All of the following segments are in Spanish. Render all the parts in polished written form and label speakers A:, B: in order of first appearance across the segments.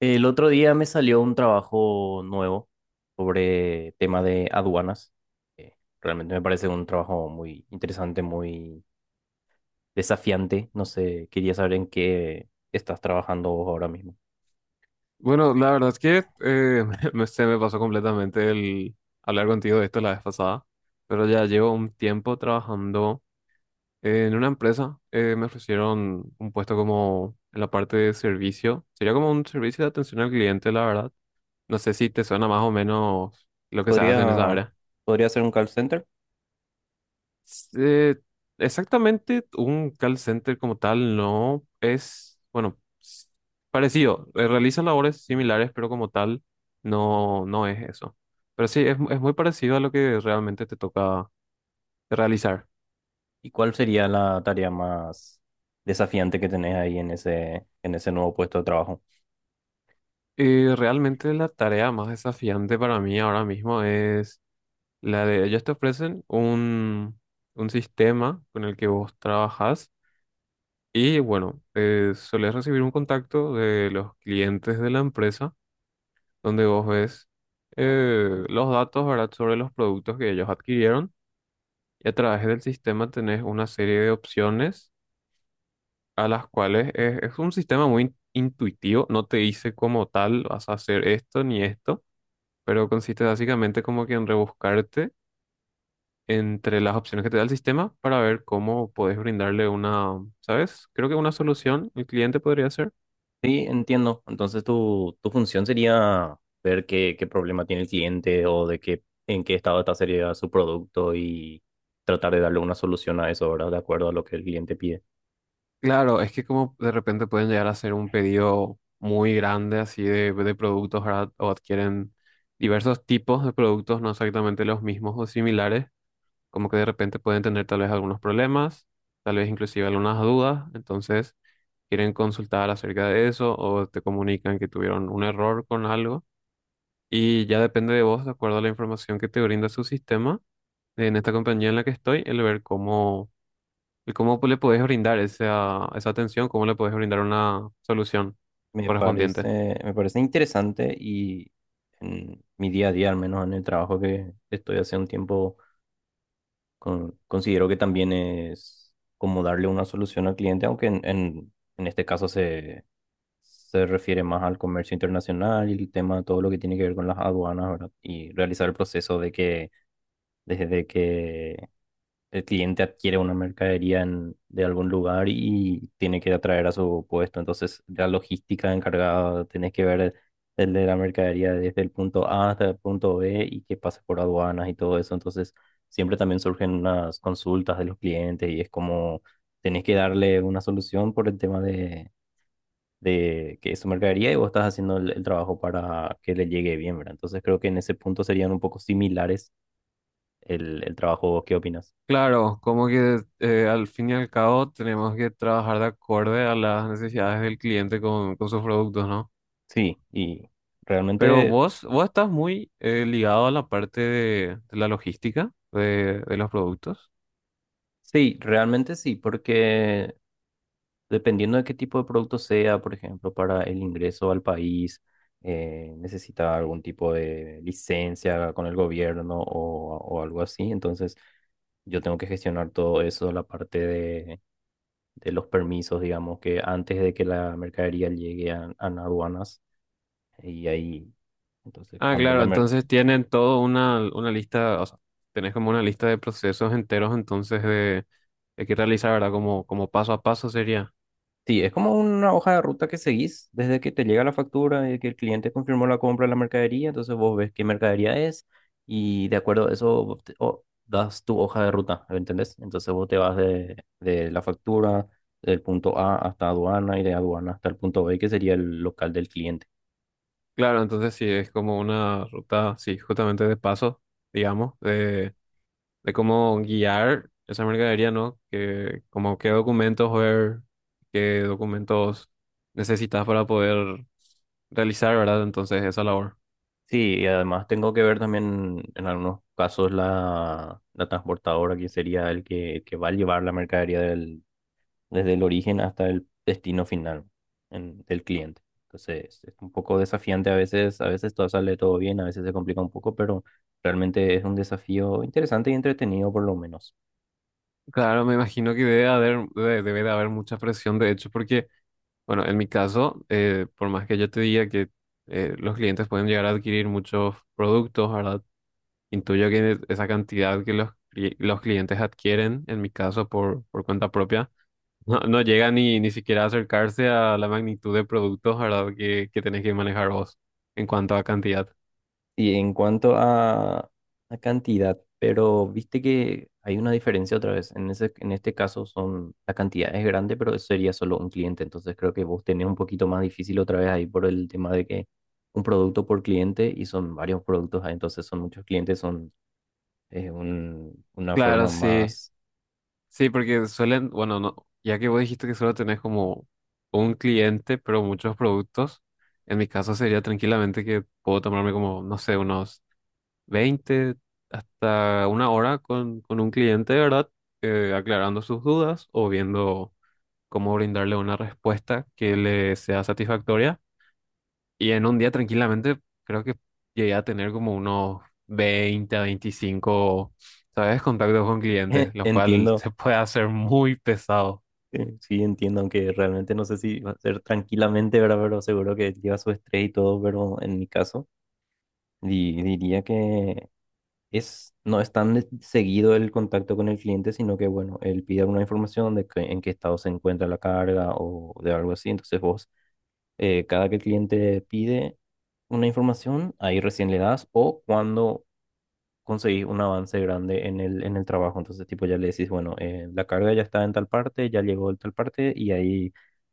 A: El otro día me salió un trabajo nuevo sobre tema de aduanas. Eh, Realmente me parece un trabajo muy interesante, muy desafiante. No sé, quería saber en qué estás trabajando vos ahora mismo.
B: Bueno, la verdad es que se me pasó completamente el hablar contigo de esto la vez pasada, pero ya llevo un tiempo trabajando en una empresa. Me ofrecieron un puesto como en la parte de servicio. Sería como un servicio de atención al cliente, la verdad. No sé si te suena más o menos lo que se hace en esa
A: ¿Podría,
B: área.
A: podría ser un call center?
B: Eh, Exactamente, un call center como tal no es, bueno, parecido, realiza labores
A: Mm.
B: similares, pero como tal no es eso. Pero sí, es muy parecido a lo que realmente te toca realizar.
A: ¿Y cuál sería la tarea más desafiante que tenés ahí en ese nuevo puesto de trabajo?
B: Y realmente la tarea más desafiante para mí ahora mismo es la de, ellos te ofrecen un sistema con el que vos trabajas y bueno, solés recibir un contacto de los clientes de la empresa donde vos ves los datos, ¿verdad? Sobre los productos que ellos adquirieron y a través del sistema tenés una serie de opciones a las cuales es, un sistema muy intuitivo, no te dice como tal vas a hacer esto ni esto, pero consiste básicamente como que en rebuscarte entre las opciones que te da el sistema para ver cómo podés brindarle una, ¿sabes? Creo que una solución el cliente podría ser.
A: Sí, entiendo. Entonces tu función sería ver qué, qué problema tiene el cliente o de qué, en qué estado está sería su producto y tratar de darle una solución a eso, ¿verdad? De acuerdo a lo que el cliente pide.
B: Claro, es que como de repente pueden llegar a hacer un pedido muy grande así de productos, ¿verdad? O adquieren diversos tipos de productos, no exactamente los mismos o similares, como que de repente pueden tener tal vez algunos problemas, tal vez inclusive algunas dudas, entonces quieren consultar acerca de eso o te comunican que tuvieron un error con algo y ya depende de vos, de acuerdo a la información que te brinda su sistema, en esta compañía en la que estoy, el ver cómo. ¿Y cómo le podés brindar esa atención? ¿Cómo le podés brindar una solución correspondiente?
A: Me parece interesante y en mi día a día, al menos en el trabajo que estoy hace un tiempo, considero que también es como darle una solución al cliente, aunque en este caso se refiere más al comercio internacional y el tema, todo lo que tiene que ver con las aduanas, ¿verdad? Y realizar el proceso de que desde que el cliente adquiere una mercadería de algún lugar y tiene que atraer a su puesto. Entonces, la logística encargada, tenés que ver el de la mercadería desde el punto A hasta el punto B y que pase por aduanas y todo eso. Entonces, siempre también surgen unas consultas de los clientes y es como… Tenés que darle una solución por el tema de que su mercadería y vos estás haciendo el trabajo para que le llegue bien, ¿verdad? Entonces creo que en ese punto serían un poco similares el trabajo. ¿Vos qué opinas?
B: Claro, como que al fin y al cabo tenemos que trabajar de acorde a las necesidades del cliente con, sus productos, ¿no?
A: Sí, y
B: Pero
A: realmente,
B: vos estás muy ligado a la parte de, la logística de los productos.
A: sí, realmente sí, porque dependiendo de qué tipo de producto sea, por ejemplo, para el ingreso al país, necesita algún tipo de licencia con el gobierno o algo así, entonces yo tengo que gestionar todo eso, la parte de los permisos, digamos, que antes de que la mercadería llegue a aduanas y ahí, entonces,
B: Ah,
A: cuando
B: claro, entonces tienen todo una lista, o sea, tenés como una lista de procesos enteros entonces de, que realizar, ¿verdad? como paso a paso sería.
A: Sí, es como una hoja de ruta que seguís desde que te llega la factura y que el cliente confirmó la compra de la mercadería, entonces vos ves qué mercadería es y de acuerdo a eso vos das tu hoja de ruta, ¿me ¿entendés? Entonces vos te vas de la factura del punto A hasta aduana y de aduana hasta el punto B, que sería el local del cliente.
B: Claro, entonces sí, es como una ruta, sí, justamente de paso, digamos, de cómo guiar esa mercadería, ¿no? Que, como qué documentos ver, qué documentos necesitas para poder realizar, ¿verdad? Entonces, esa labor.
A: Sí, y además tengo que ver también en algunos casos la, la transportadora que sería el que va a llevar la mercadería desde el origen hasta el destino final del cliente. Entonces es un poco desafiante a veces todo sale todo bien, a veces se complica un poco, pero realmente es un desafío interesante y entretenido por lo menos.
B: Claro, me imagino que debe haber, debe de haber mucha presión, de hecho, porque, bueno, en mi caso, por más que yo te diga que los clientes pueden llegar a adquirir muchos productos, ¿verdad? Intuyo que esa cantidad que los, los clientes adquieren, en mi caso por, cuenta propia, no llega ni siquiera a acercarse a la magnitud de productos, ¿verdad? que tenés que manejar vos en cuanto a cantidad.
A: Y en cuanto a cantidad, pero viste que hay una diferencia otra vez. En ese, en este caso son, la cantidad es grande, pero eso sería solo un cliente. Entonces creo que vos tenés un poquito más difícil otra vez ahí por el tema de que un producto por cliente y son varios productos, ah, entonces son muchos clientes, son es un, una
B: Claro,
A: forma
B: sí.
A: más,
B: Sí, porque suelen, bueno, no, ya que vos dijiste que solo tenés como un cliente, pero muchos productos, en mi caso sería tranquilamente que puedo tomarme como, no sé, unos 20 hasta una hora con un cliente, ¿verdad? Aclarando sus dudas o viendo cómo brindarle una respuesta que le sea satisfactoria. Y en un día tranquilamente creo que llegué a tener como unos 20 a 25, ¿sabes? Contactos con clientes, lo cual
A: entiendo,
B: se puede hacer muy pesado.
A: sí entiendo, aunque realmente no sé si va a ser tranquilamente, ¿verdad? Pero seguro que lleva su estrés y todo, pero en mi caso diría que… es, no es tan seguido el contacto con el cliente, sino que, bueno, él pide alguna información de en qué estado se encuentra la carga o de algo así. Entonces vos, cada que el cliente pide una información, ahí recién le das o cuando conseguís un avance grande en el trabajo. Entonces, tipo, ya le decís, bueno, la carga ya está en tal parte, ya llegó en tal parte y ahí,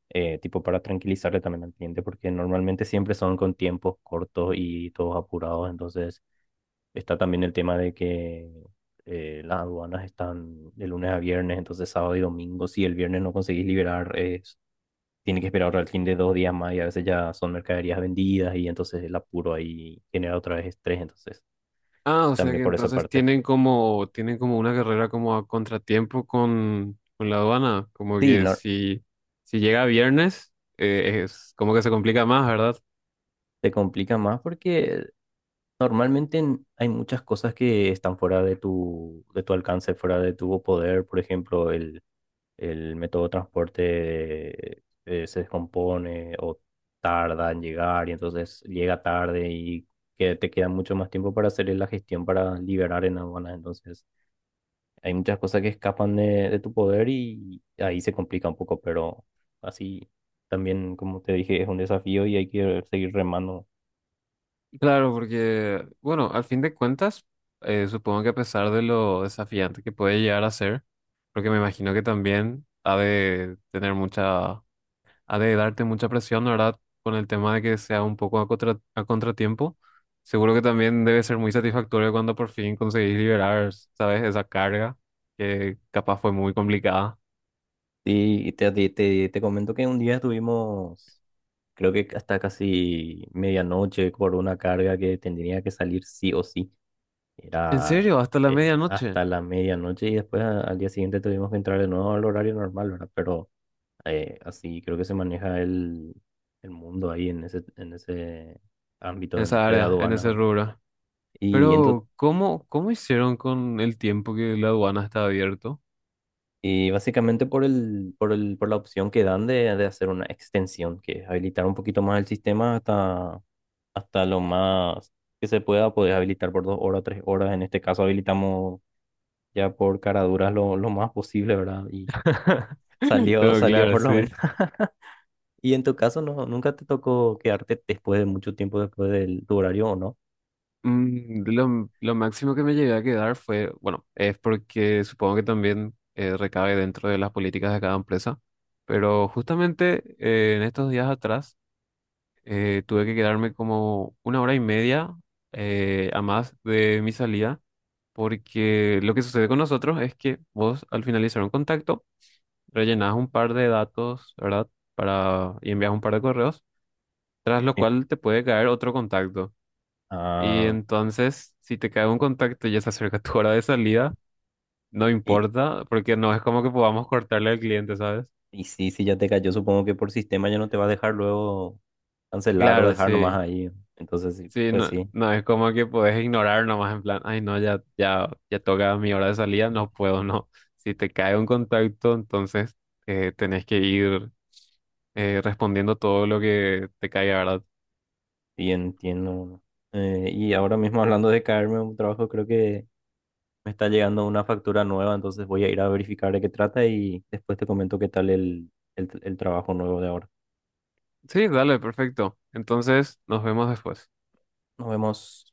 A: tipo, para tranquilizarle también al cliente, porque normalmente siempre son con tiempos cortos y todos apurados. Entonces está también el tema de que las aduanas están de lunes a viernes, entonces sábado y domingo, si el viernes no conseguís liberar, es, tiene que esperar al fin de dos días más y a veces ya son mercaderías vendidas y entonces el apuro ahí genera otra vez estrés, entonces
B: Ah, o sea
A: también
B: que
A: por esa
B: entonces
A: parte.
B: tienen como, una carrera como a contratiempo con, la aduana, como
A: Sí,
B: que
A: no,
B: si llega viernes, es como que se complica más, ¿verdad?
A: te complica más porque normalmente hay muchas cosas que están fuera de tu alcance, fuera de tu poder, por ejemplo, el método de transporte se descompone o tarda en llegar y entonces llega tarde y que te queda mucho más tiempo para hacer la gestión para liberar en aduanas. Entonces hay muchas cosas que escapan de tu poder y ahí se complica un poco, pero así también, como te dije, es un desafío y hay que seguir remando.
B: Claro, porque, bueno, al fin de cuentas, supongo que a pesar de lo desafiante que puede llegar a ser, porque me imagino que también ha de tener mucha, ha de darte mucha presión, ¿no?, ¿verdad? Con el tema de que sea un poco a a contratiempo. Seguro que también debe ser muy satisfactorio cuando por fin conseguís liberar, ¿sabes? Esa carga que capaz fue muy complicada.
A: Sí, y te comento que un día estuvimos, creo que hasta casi medianoche, por una carga que tendría que salir sí o sí.
B: En
A: Era
B: serio, ¿hasta la medianoche
A: hasta la medianoche y después al día siguiente tuvimos que entrar de nuevo al horario normal, ¿verdad? Pero así creo que se maneja el mundo ahí en ese
B: en
A: ámbito
B: esa
A: de
B: área, en
A: aduanas,
B: ese
A: ¿verdad?
B: rubro?
A: Y,
B: Pero, ¿cómo, hicieron con el tiempo que la aduana está abierto?
A: y básicamente por el, por el, por la opción que dan de hacer una extensión, que es habilitar un poquito más el sistema hasta, hasta lo más que se pueda, poder habilitar por dos horas, tres horas. En este caso habilitamos ya por caraduras lo más posible, ¿verdad? Y
B: Oh.
A: salió,
B: Pero
A: salió
B: claro,
A: por lo menos.
B: sí.
A: Y en tu caso, no, ¿nunca te tocó quedarte después de mucho tiempo después del tu horario o no?
B: Mm, lo máximo que me llegué a quedar fue, bueno, es porque supongo que también recae dentro de las políticas de cada empresa, pero justamente en estos días atrás tuve que quedarme como 1 hora y media a más de mi salida, porque lo que sucede con nosotros es que vos al finalizar un contacto rellenás un par de datos, ¿verdad? Para, y envías un par de correos, tras lo
A: Sí.
B: cual te puede caer otro contacto. Y
A: Ah,
B: entonces, si te cae un contacto y ya se acerca tu hora de salida, no
A: y,
B: importa, porque no es como que podamos cortarle al cliente, ¿sabes?
A: y sí, sí, ya te cayó, supongo que por sistema ya no te va a dejar luego cancelar o
B: Claro,
A: dejar nomás
B: sí.
A: ahí. Entonces, sí,
B: Sí,
A: pues
B: no,
A: sí,
B: no es como que podés ignorar nomás en plan, ay, no, ya, ya, ya toca mi hora de salida, no puedo, no. Si te cae un contacto, entonces tenés que ir respondiendo todo lo que te caiga, ¿verdad?
A: sí entiendo. Y ahora mismo hablando de caerme a un trabajo, creo que me está llegando una factura nueva, entonces voy a ir a verificar de qué trata y después te comento qué tal el trabajo nuevo de ahora.
B: Sí, dale, perfecto. Entonces, nos vemos después.
A: Nos vemos.